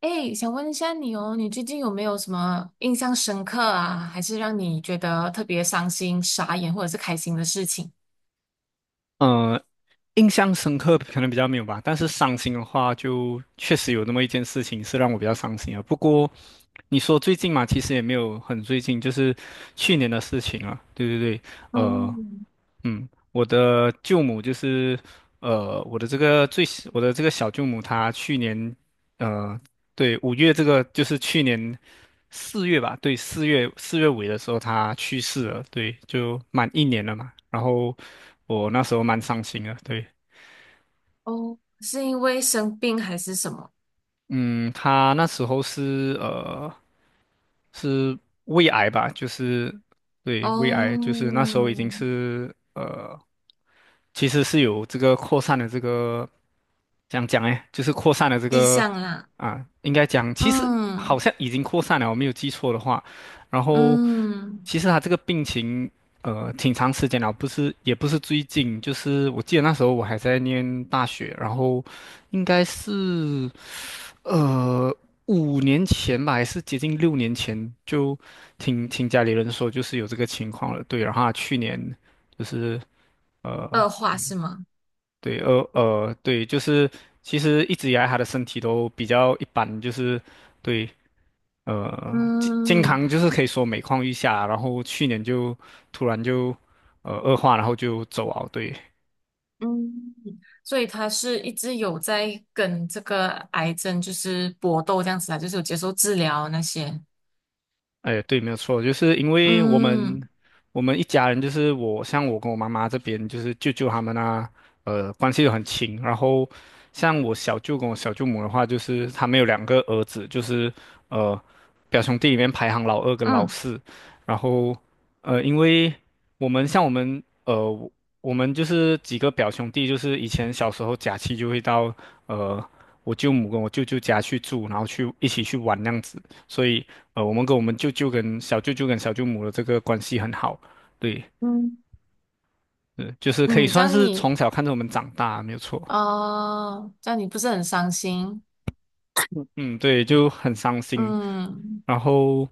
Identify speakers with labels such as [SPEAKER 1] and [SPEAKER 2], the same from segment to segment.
[SPEAKER 1] 哎，想问一下你哦，你最近有没有什么印象深刻啊，还是让你觉得特别伤心、傻眼或者是开心的事情？
[SPEAKER 2] 嗯，印象深刻可能比较没有吧，但是伤心的话，就确实有那么一件事情是让我比较伤心啊。不过你说最近嘛，其实也没有很最近，就是去年的事情啊。对对对，呃，
[SPEAKER 1] 嗯，
[SPEAKER 2] 嗯，我的舅母就是，我的这个小舅母，她去年呃对，五月这个就是去年四月吧，对，四月四月尾的时候他去世了，对，就满一年了嘛。然后我那时候蛮伤心的，对，
[SPEAKER 1] 哦，是因为生病还是什么？
[SPEAKER 2] 嗯，他那时候是是胃癌吧，就是对胃癌，就是那时候已
[SPEAKER 1] 哦，
[SPEAKER 2] 经是其实是有这个扩散的这个讲讲哎，就是扩散的这
[SPEAKER 1] 迹
[SPEAKER 2] 个
[SPEAKER 1] 象啦，
[SPEAKER 2] 啊，应该讲其实好
[SPEAKER 1] 嗯
[SPEAKER 2] 像已经扩散了，我没有记错的话。然后
[SPEAKER 1] 嗯，
[SPEAKER 2] 其实他这个病情挺长时间了，不是也不是最近，就是我记得那时候我还在念大学，然后应该是。呃，5年前吧，还是接近6年前，就听听家里人说，就是有这个情况了。对，然后他去年就是呃，
[SPEAKER 1] 恶化是吗？
[SPEAKER 2] 对，对，就是其实一直以来他的身体都比较一般，就是对，健健
[SPEAKER 1] 嗯
[SPEAKER 2] 康就是可以说每况愈下，然后去年就突然就恶化，然后就走啊，对。
[SPEAKER 1] 嗯，所以他是一直有在跟这个癌症就是搏斗这样子啊，就是有接受治疗那些。
[SPEAKER 2] 哎，对，没有错，就是因为我们
[SPEAKER 1] 嗯
[SPEAKER 2] 我们一家人，就是我像我跟我妈妈这边，就是舅舅他们啊，关系都很亲。然后像我小舅跟我小舅母的话，就是他们有2个儿子，就是呃表兄弟里面排行老二跟老
[SPEAKER 1] 嗯
[SPEAKER 2] 四。然后因为我们就是几个表兄弟，就是以前小时候假期就会到呃我舅母跟我舅舅家去住，然后去一起去玩那样子。所以我们跟我们舅舅跟小舅舅跟小舅母的这个关系很好，对，
[SPEAKER 1] 嗯。
[SPEAKER 2] 就是可以
[SPEAKER 1] 嗯，
[SPEAKER 2] 算是从小看着我们长大，没有错。
[SPEAKER 1] 这样你不是很伤心？
[SPEAKER 2] 嗯，对，就很伤心。
[SPEAKER 1] 嗯
[SPEAKER 2] 然后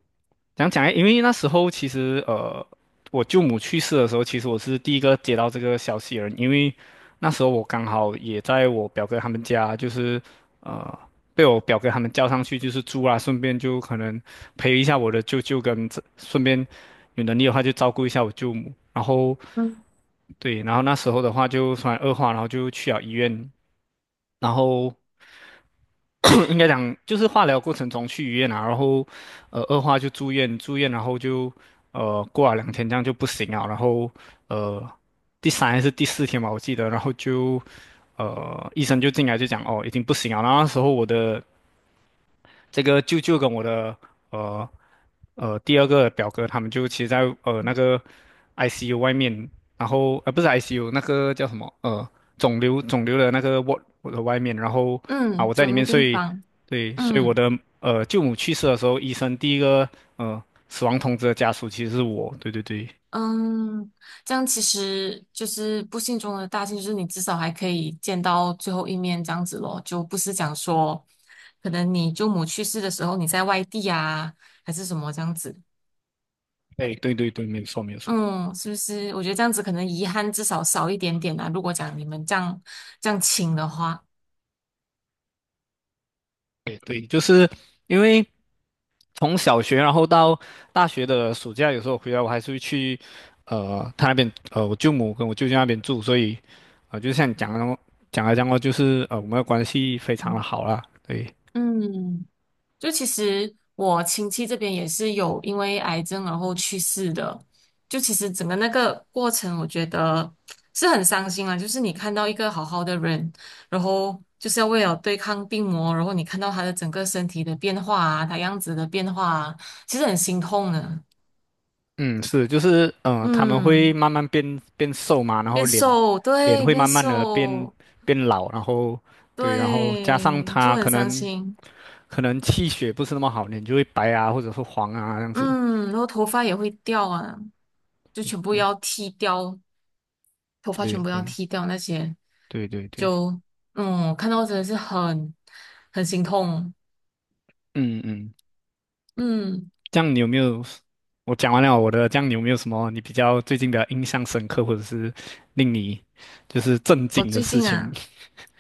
[SPEAKER 2] 讲讲诶，因为那时候其实我舅母去世的时候，其实我是第一个接到这个消息的人，因为那时候我刚好也在我表哥他们家，就是呃被我表哥他们叫上去就是住啦，顺便就可能陪一下我的舅舅跟这，顺便有能力的话就照顾一下我舅母。然后
[SPEAKER 1] 嗯
[SPEAKER 2] 对，然后那时候的话就突然恶化，然后就去了医院，然后 应该讲就是化疗过程中去医院啊，然后恶化就住院，住院然后就过了2天这样就不行了，然后呃第三还是第四天吧，我记得，然后就医生就进来就讲哦已经不行了，然后那时候我的这个舅舅跟我的呃第二个表哥，他们就其实在那个 ICU 外面，然后不是 ICU 那个叫什么肿瘤的那个 w a 的外面，然后啊我
[SPEAKER 1] 嗯，
[SPEAKER 2] 在
[SPEAKER 1] 走
[SPEAKER 2] 里面，
[SPEAKER 1] 进病
[SPEAKER 2] 睡，
[SPEAKER 1] 房，
[SPEAKER 2] 对，所以我
[SPEAKER 1] 嗯
[SPEAKER 2] 的舅母去世的时候，医生第一个呃死亡通知的家属其实是我，对对对，
[SPEAKER 1] 嗯，这样其实就是不幸中的大幸，就是你至少还可以见到最后一面，这样子咯，就不是讲说，可能你舅母去世的时候你在外地啊，还是什么这样子，
[SPEAKER 2] 哎对对对，没有错没有错，
[SPEAKER 1] 嗯，是不是？我觉得这样子可能遗憾至少少一点点啊，如果讲你们这样亲的话，
[SPEAKER 2] 对对，就是因为，从小学然后到大学的暑假，有时候回来我还是会去，他那边我舅母跟我舅舅那边住，所以，就像你讲的那么讲来讲过，就是我们的关系非常的
[SPEAKER 1] 嗯。
[SPEAKER 2] 好啦。对，
[SPEAKER 1] 嗯就其实我亲戚这边也是有因为癌症然后去世的，就其实整个那个过程，我觉得是很伤心啊。就是你看到一个好好的人，然后就是要为了对抗病魔，然后你看到他的整个身体的变化啊，他样子的变化啊，其实很心痛的。
[SPEAKER 2] 嗯，是，就是他们会
[SPEAKER 1] 嗯，
[SPEAKER 2] 慢慢变瘦嘛，然后
[SPEAKER 1] 变
[SPEAKER 2] 脸
[SPEAKER 1] 瘦，
[SPEAKER 2] 脸
[SPEAKER 1] 对，
[SPEAKER 2] 会
[SPEAKER 1] 变
[SPEAKER 2] 慢慢的变
[SPEAKER 1] 瘦，
[SPEAKER 2] 变老，然后对，然后加上
[SPEAKER 1] 对，就
[SPEAKER 2] 他
[SPEAKER 1] 很
[SPEAKER 2] 可
[SPEAKER 1] 伤
[SPEAKER 2] 能
[SPEAKER 1] 心。
[SPEAKER 2] 可能气血不是那么好，脸就会白啊，或者是黄啊这样子。
[SPEAKER 1] 嗯，然后头发也会掉啊，就全部要剃掉。头发
[SPEAKER 2] 对
[SPEAKER 1] 全部要
[SPEAKER 2] 对
[SPEAKER 1] 剃掉那些，
[SPEAKER 2] 对对对对，
[SPEAKER 1] 就嗯，看到真的是很很心痛。
[SPEAKER 2] 嗯嗯。
[SPEAKER 1] 嗯。
[SPEAKER 2] 这样你有没有？我讲完了我的，这样你有没有什么你比较最近的印象深刻，或者是令你就是震
[SPEAKER 1] 我
[SPEAKER 2] 惊的
[SPEAKER 1] 最
[SPEAKER 2] 事
[SPEAKER 1] 近
[SPEAKER 2] 情？
[SPEAKER 1] 啊，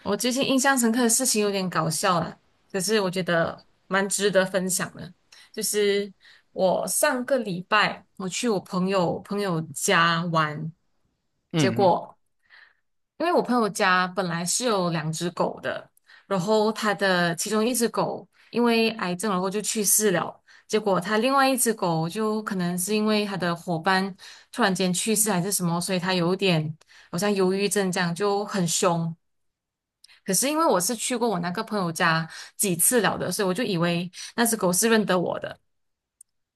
[SPEAKER 1] 我最近印象深刻的事情有点搞笑啦，可是我觉得蛮值得分享的。就是我上个礼拜我去我朋友朋友家玩，结
[SPEAKER 2] 嗯，嗯，
[SPEAKER 1] 果因为我朋友家本来是有两只狗的，然后他的其中一只狗因为癌症然后就去世了。结果他另外一只狗就可能是因为他的伙伴突然间去世还是什么，所以他有点好像忧郁症这样就很凶。可是因为我是去过我那个朋友家几次了的，所以我就以为那只狗是认得我的。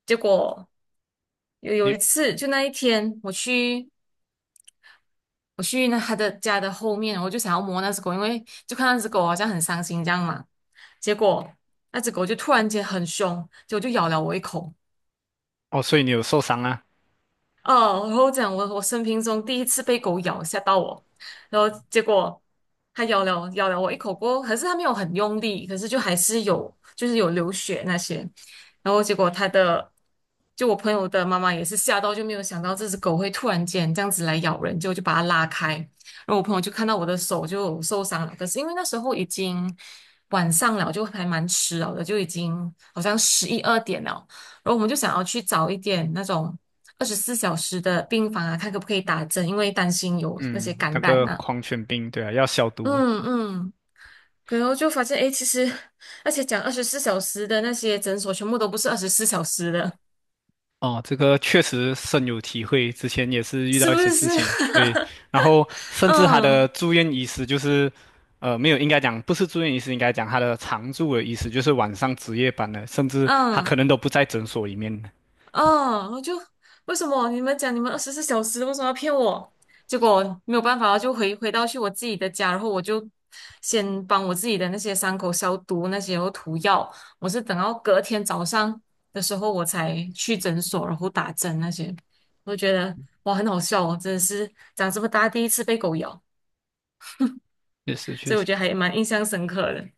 [SPEAKER 1] 结果有
[SPEAKER 2] 你
[SPEAKER 1] 一次，就那一天，我去那他的家的后面，我就想要摸那只狗，因为就看那只狗好像很伤心这样嘛。结果那只狗就突然间很凶，结果就咬了我一口。
[SPEAKER 2] 哦，所以你有受伤啊？
[SPEAKER 1] 哦，然后讲我生平中第一次被狗咬，吓到我，然后结果它咬了我一口锅，可是它没有很用力，可是就还是有就是有流血那些，然后结果它的就我朋友的妈妈也是吓到，就没有想到这只狗会突然间这样子来咬人，就把它拉开，然后我朋友就看到我的手就受伤了，可是因为那时候已经晚上了，就还蛮迟了的，就已经好像11、12点了。然后我们就想要去找一点那种二十四小时的病房啊，看可不可以打针，因为担心有那
[SPEAKER 2] 嗯，
[SPEAKER 1] 些感
[SPEAKER 2] 那个
[SPEAKER 1] 染啊。
[SPEAKER 2] 狂犬病，对啊，要消毒。
[SPEAKER 1] 嗯嗯，然后就发现，诶，其实而且讲二十四小时的那些诊所，全部都不是二十四小时的，
[SPEAKER 2] 哦，这个确实深有体会，之前也是遇
[SPEAKER 1] 是
[SPEAKER 2] 到一
[SPEAKER 1] 不
[SPEAKER 2] 些
[SPEAKER 1] 是？
[SPEAKER 2] 事情，对，然后 甚至他的
[SPEAKER 1] 嗯
[SPEAKER 2] 住院医师就是，没有，应该讲不是住院医师，应该讲他的常住的医师，就是晚上值夜班的，甚至他可
[SPEAKER 1] 嗯。
[SPEAKER 2] 能都不在诊所里面的，
[SPEAKER 1] 啊！我就为什么你们讲你们二十四小时，为什么要骗我？结果没有办法，就回到去我自己的家，然后我就先帮我自己的那些伤口消毒，那些然后涂药。我是等到隔天早上的时候，我才去诊所，然后打针那些。我觉得哇，很好笑哦，真的是长这么大第一次被狗咬，
[SPEAKER 2] 确实
[SPEAKER 1] 所
[SPEAKER 2] 确
[SPEAKER 1] 以我
[SPEAKER 2] 实。
[SPEAKER 1] 觉得还蛮印象深刻的。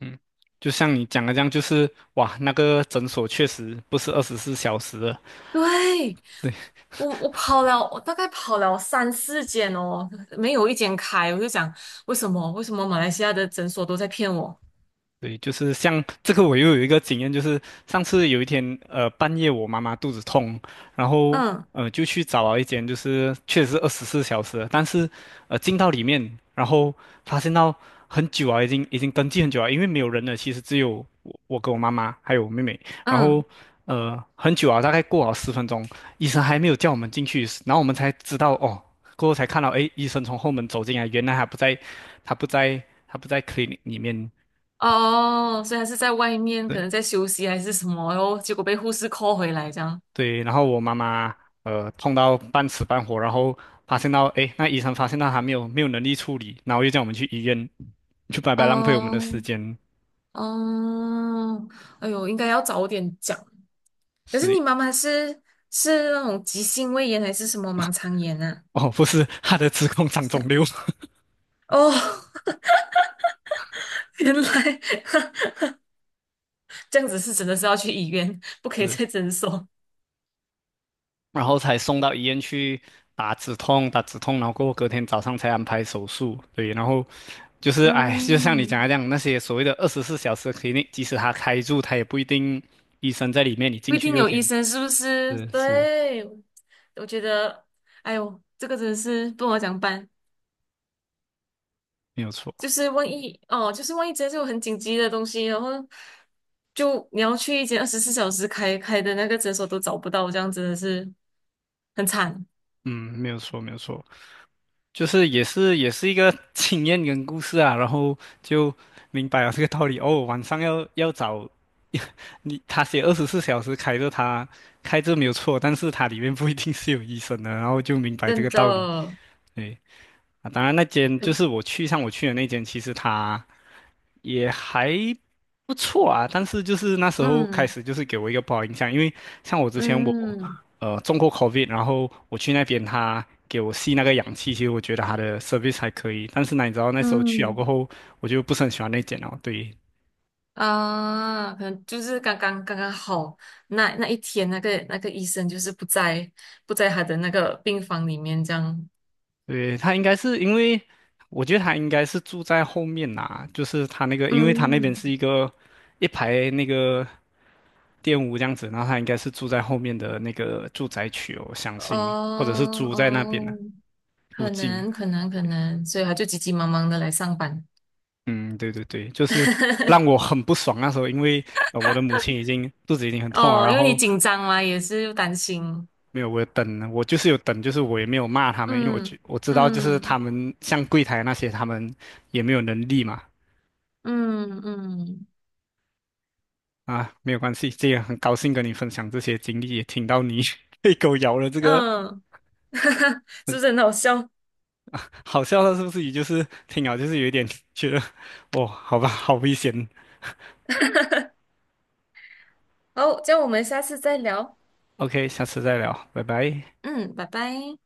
[SPEAKER 2] 嗯，就像你讲的这样，就是哇，那个诊所确实不是二十四小时的，
[SPEAKER 1] 对，我跑了，我大概跑了3、4间哦，没有一间开，我就想为什么？为什么马来西亚的诊所都在骗我？
[SPEAKER 2] 对，就是像这个，我又有一个经验，就是上次有一天，半夜我妈妈肚子痛，然后
[SPEAKER 1] 嗯
[SPEAKER 2] 就去找了一间，就是确实是二十四小时的但是进到里面，然后发现到很久啊，已经登记很久了，因为没有人了，其实只有我跟我妈妈还有我妹妹，然后
[SPEAKER 1] 嗯，
[SPEAKER 2] 很久啊，大概过了10分钟，医生还没有叫我们进去，然后我们才知道哦，过后才看到，诶，医生从后门走进来，原来他不在，他不在，他不在 clinic 里面。
[SPEAKER 1] 哦，所以他是在外面，可
[SPEAKER 2] 对。
[SPEAKER 1] 能在休息还是什么，然后结果被护士 call 回来这样。
[SPEAKER 2] 对，然后我妈妈痛到半死半活，然后发现到，诶，那医生发现到她没有能力处理，然后又叫我们去医院，就白白浪费我们的时
[SPEAKER 1] 哦
[SPEAKER 2] 间。
[SPEAKER 1] 哦，哎呦，应该要早点讲。可是你
[SPEAKER 2] 是，
[SPEAKER 1] 妈妈是是那种急性胃炎还是什么盲肠炎啊？
[SPEAKER 2] 哦，不是，她的子宫长
[SPEAKER 1] 是
[SPEAKER 2] 肿
[SPEAKER 1] 啊
[SPEAKER 2] 瘤，
[SPEAKER 1] 哦，原来 这样子是真的是要去医院，不可以
[SPEAKER 2] 是，
[SPEAKER 1] 在诊所。
[SPEAKER 2] 然后才送到医院去打止痛，打止痛，然后过后隔天早上才安排手术。对，然后就是，哎，就像你讲
[SPEAKER 1] 嗯，
[SPEAKER 2] 的这样，那些所谓的二十四小时 c l i 即使他开住，他也不一定医生在里面，你
[SPEAKER 1] 不
[SPEAKER 2] 进
[SPEAKER 1] 一
[SPEAKER 2] 去
[SPEAKER 1] 定
[SPEAKER 2] 就
[SPEAKER 1] 有
[SPEAKER 2] 可以。
[SPEAKER 1] 医生，是不是？
[SPEAKER 2] 是是，
[SPEAKER 1] 对，我觉得，哎呦，这个真的是不好讲办。
[SPEAKER 2] 没有错，
[SPEAKER 1] 就是万一哦，就是万一真的是有很紧急的东西，然后就你要去一间二十四小时开开的那个诊所都找不到，这样真的是很惨，
[SPEAKER 2] 嗯，没有错，没有错。就是也是一个 经验跟故事啊，然后就明白了这个道理。哦，晚上找 你，他写二十四小时开着他开着没有错，但是它里面不一定是有医生的，然后就明白这
[SPEAKER 1] 真
[SPEAKER 2] 个道理。
[SPEAKER 1] 的。
[SPEAKER 2] 对啊，当然那间就是我去的那间，其实他，也还不错啊，但是就是那时候开
[SPEAKER 1] 嗯
[SPEAKER 2] 始就是给我一个不好印象，因为像我之前
[SPEAKER 1] 嗯
[SPEAKER 2] 中过 COVID，然后我去那边他给我吸那个氧气，其实我觉得他的 service 还可以，但是呢，你知道那时候去了
[SPEAKER 1] 嗯。
[SPEAKER 2] 过
[SPEAKER 1] 嗯
[SPEAKER 2] 后，我就不是很喜欢那间了，对。
[SPEAKER 1] 啊，可能就是刚刚好，那一天那个医生就是不在他的那个病房里面这样，
[SPEAKER 2] 对，他应该是因为，我觉得他应该是住在后面呐，就是他那个，因为他那边
[SPEAKER 1] 嗯，
[SPEAKER 2] 是一个一排那个店屋这样子，然后他应该是住在后面的那个住宅区哦，我相
[SPEAKER 1] 哦
[SPEAKER 2] 信，或者是租在那边的。
[SPEAKER 1] 哦，
[SPEAKER 2] 路
[SPEAKER 1] 可
[SPEAKER 2] 径，
[SPEAKER 1] 能可能可能，所以他就急急忙忙的来上班，
[SPEAKER 2] 嗯，对对对，就是 让我很不爽那时候，因为我的母亲已经肚子已经很痛了，
[SPEAKER 1] 哦，
[SPEAKER 2] 然
[SPEAKER 1] 因为你
[SPEAKER 2] 后
[SPEAKER 1] 紧张嘛，也是又担心，
[SPEAKER 2] 没有我有等，我就是有等，就是我也没有骂他们，因为
[SPEAKER 1] 嗯
[SPEAKER 2] 我知道就是
[SPEAKER 1] 嗯
[SPEAKER 2] 他们像柜台那些他们也没有能力嘛，
[SPEAKER 1] 嗯嗯
[SPEAKER 2] 啊，没有关系，这也很高兴跟你分享这些经历，也听到你 被狗咬了这个
[SPEAKER 1] 嗯，是不是很好笑？
[SPEAKER 2] 好笑的，是不是？也就是听了就是有一点觉得，哦，好吧，好危险。
[SPEAKER 1] 好，这样我们下次再聊，
[SPEAKER 2] OK，下次再聊，拜拜。
[SPEAKER 1] 嗯，拜拜。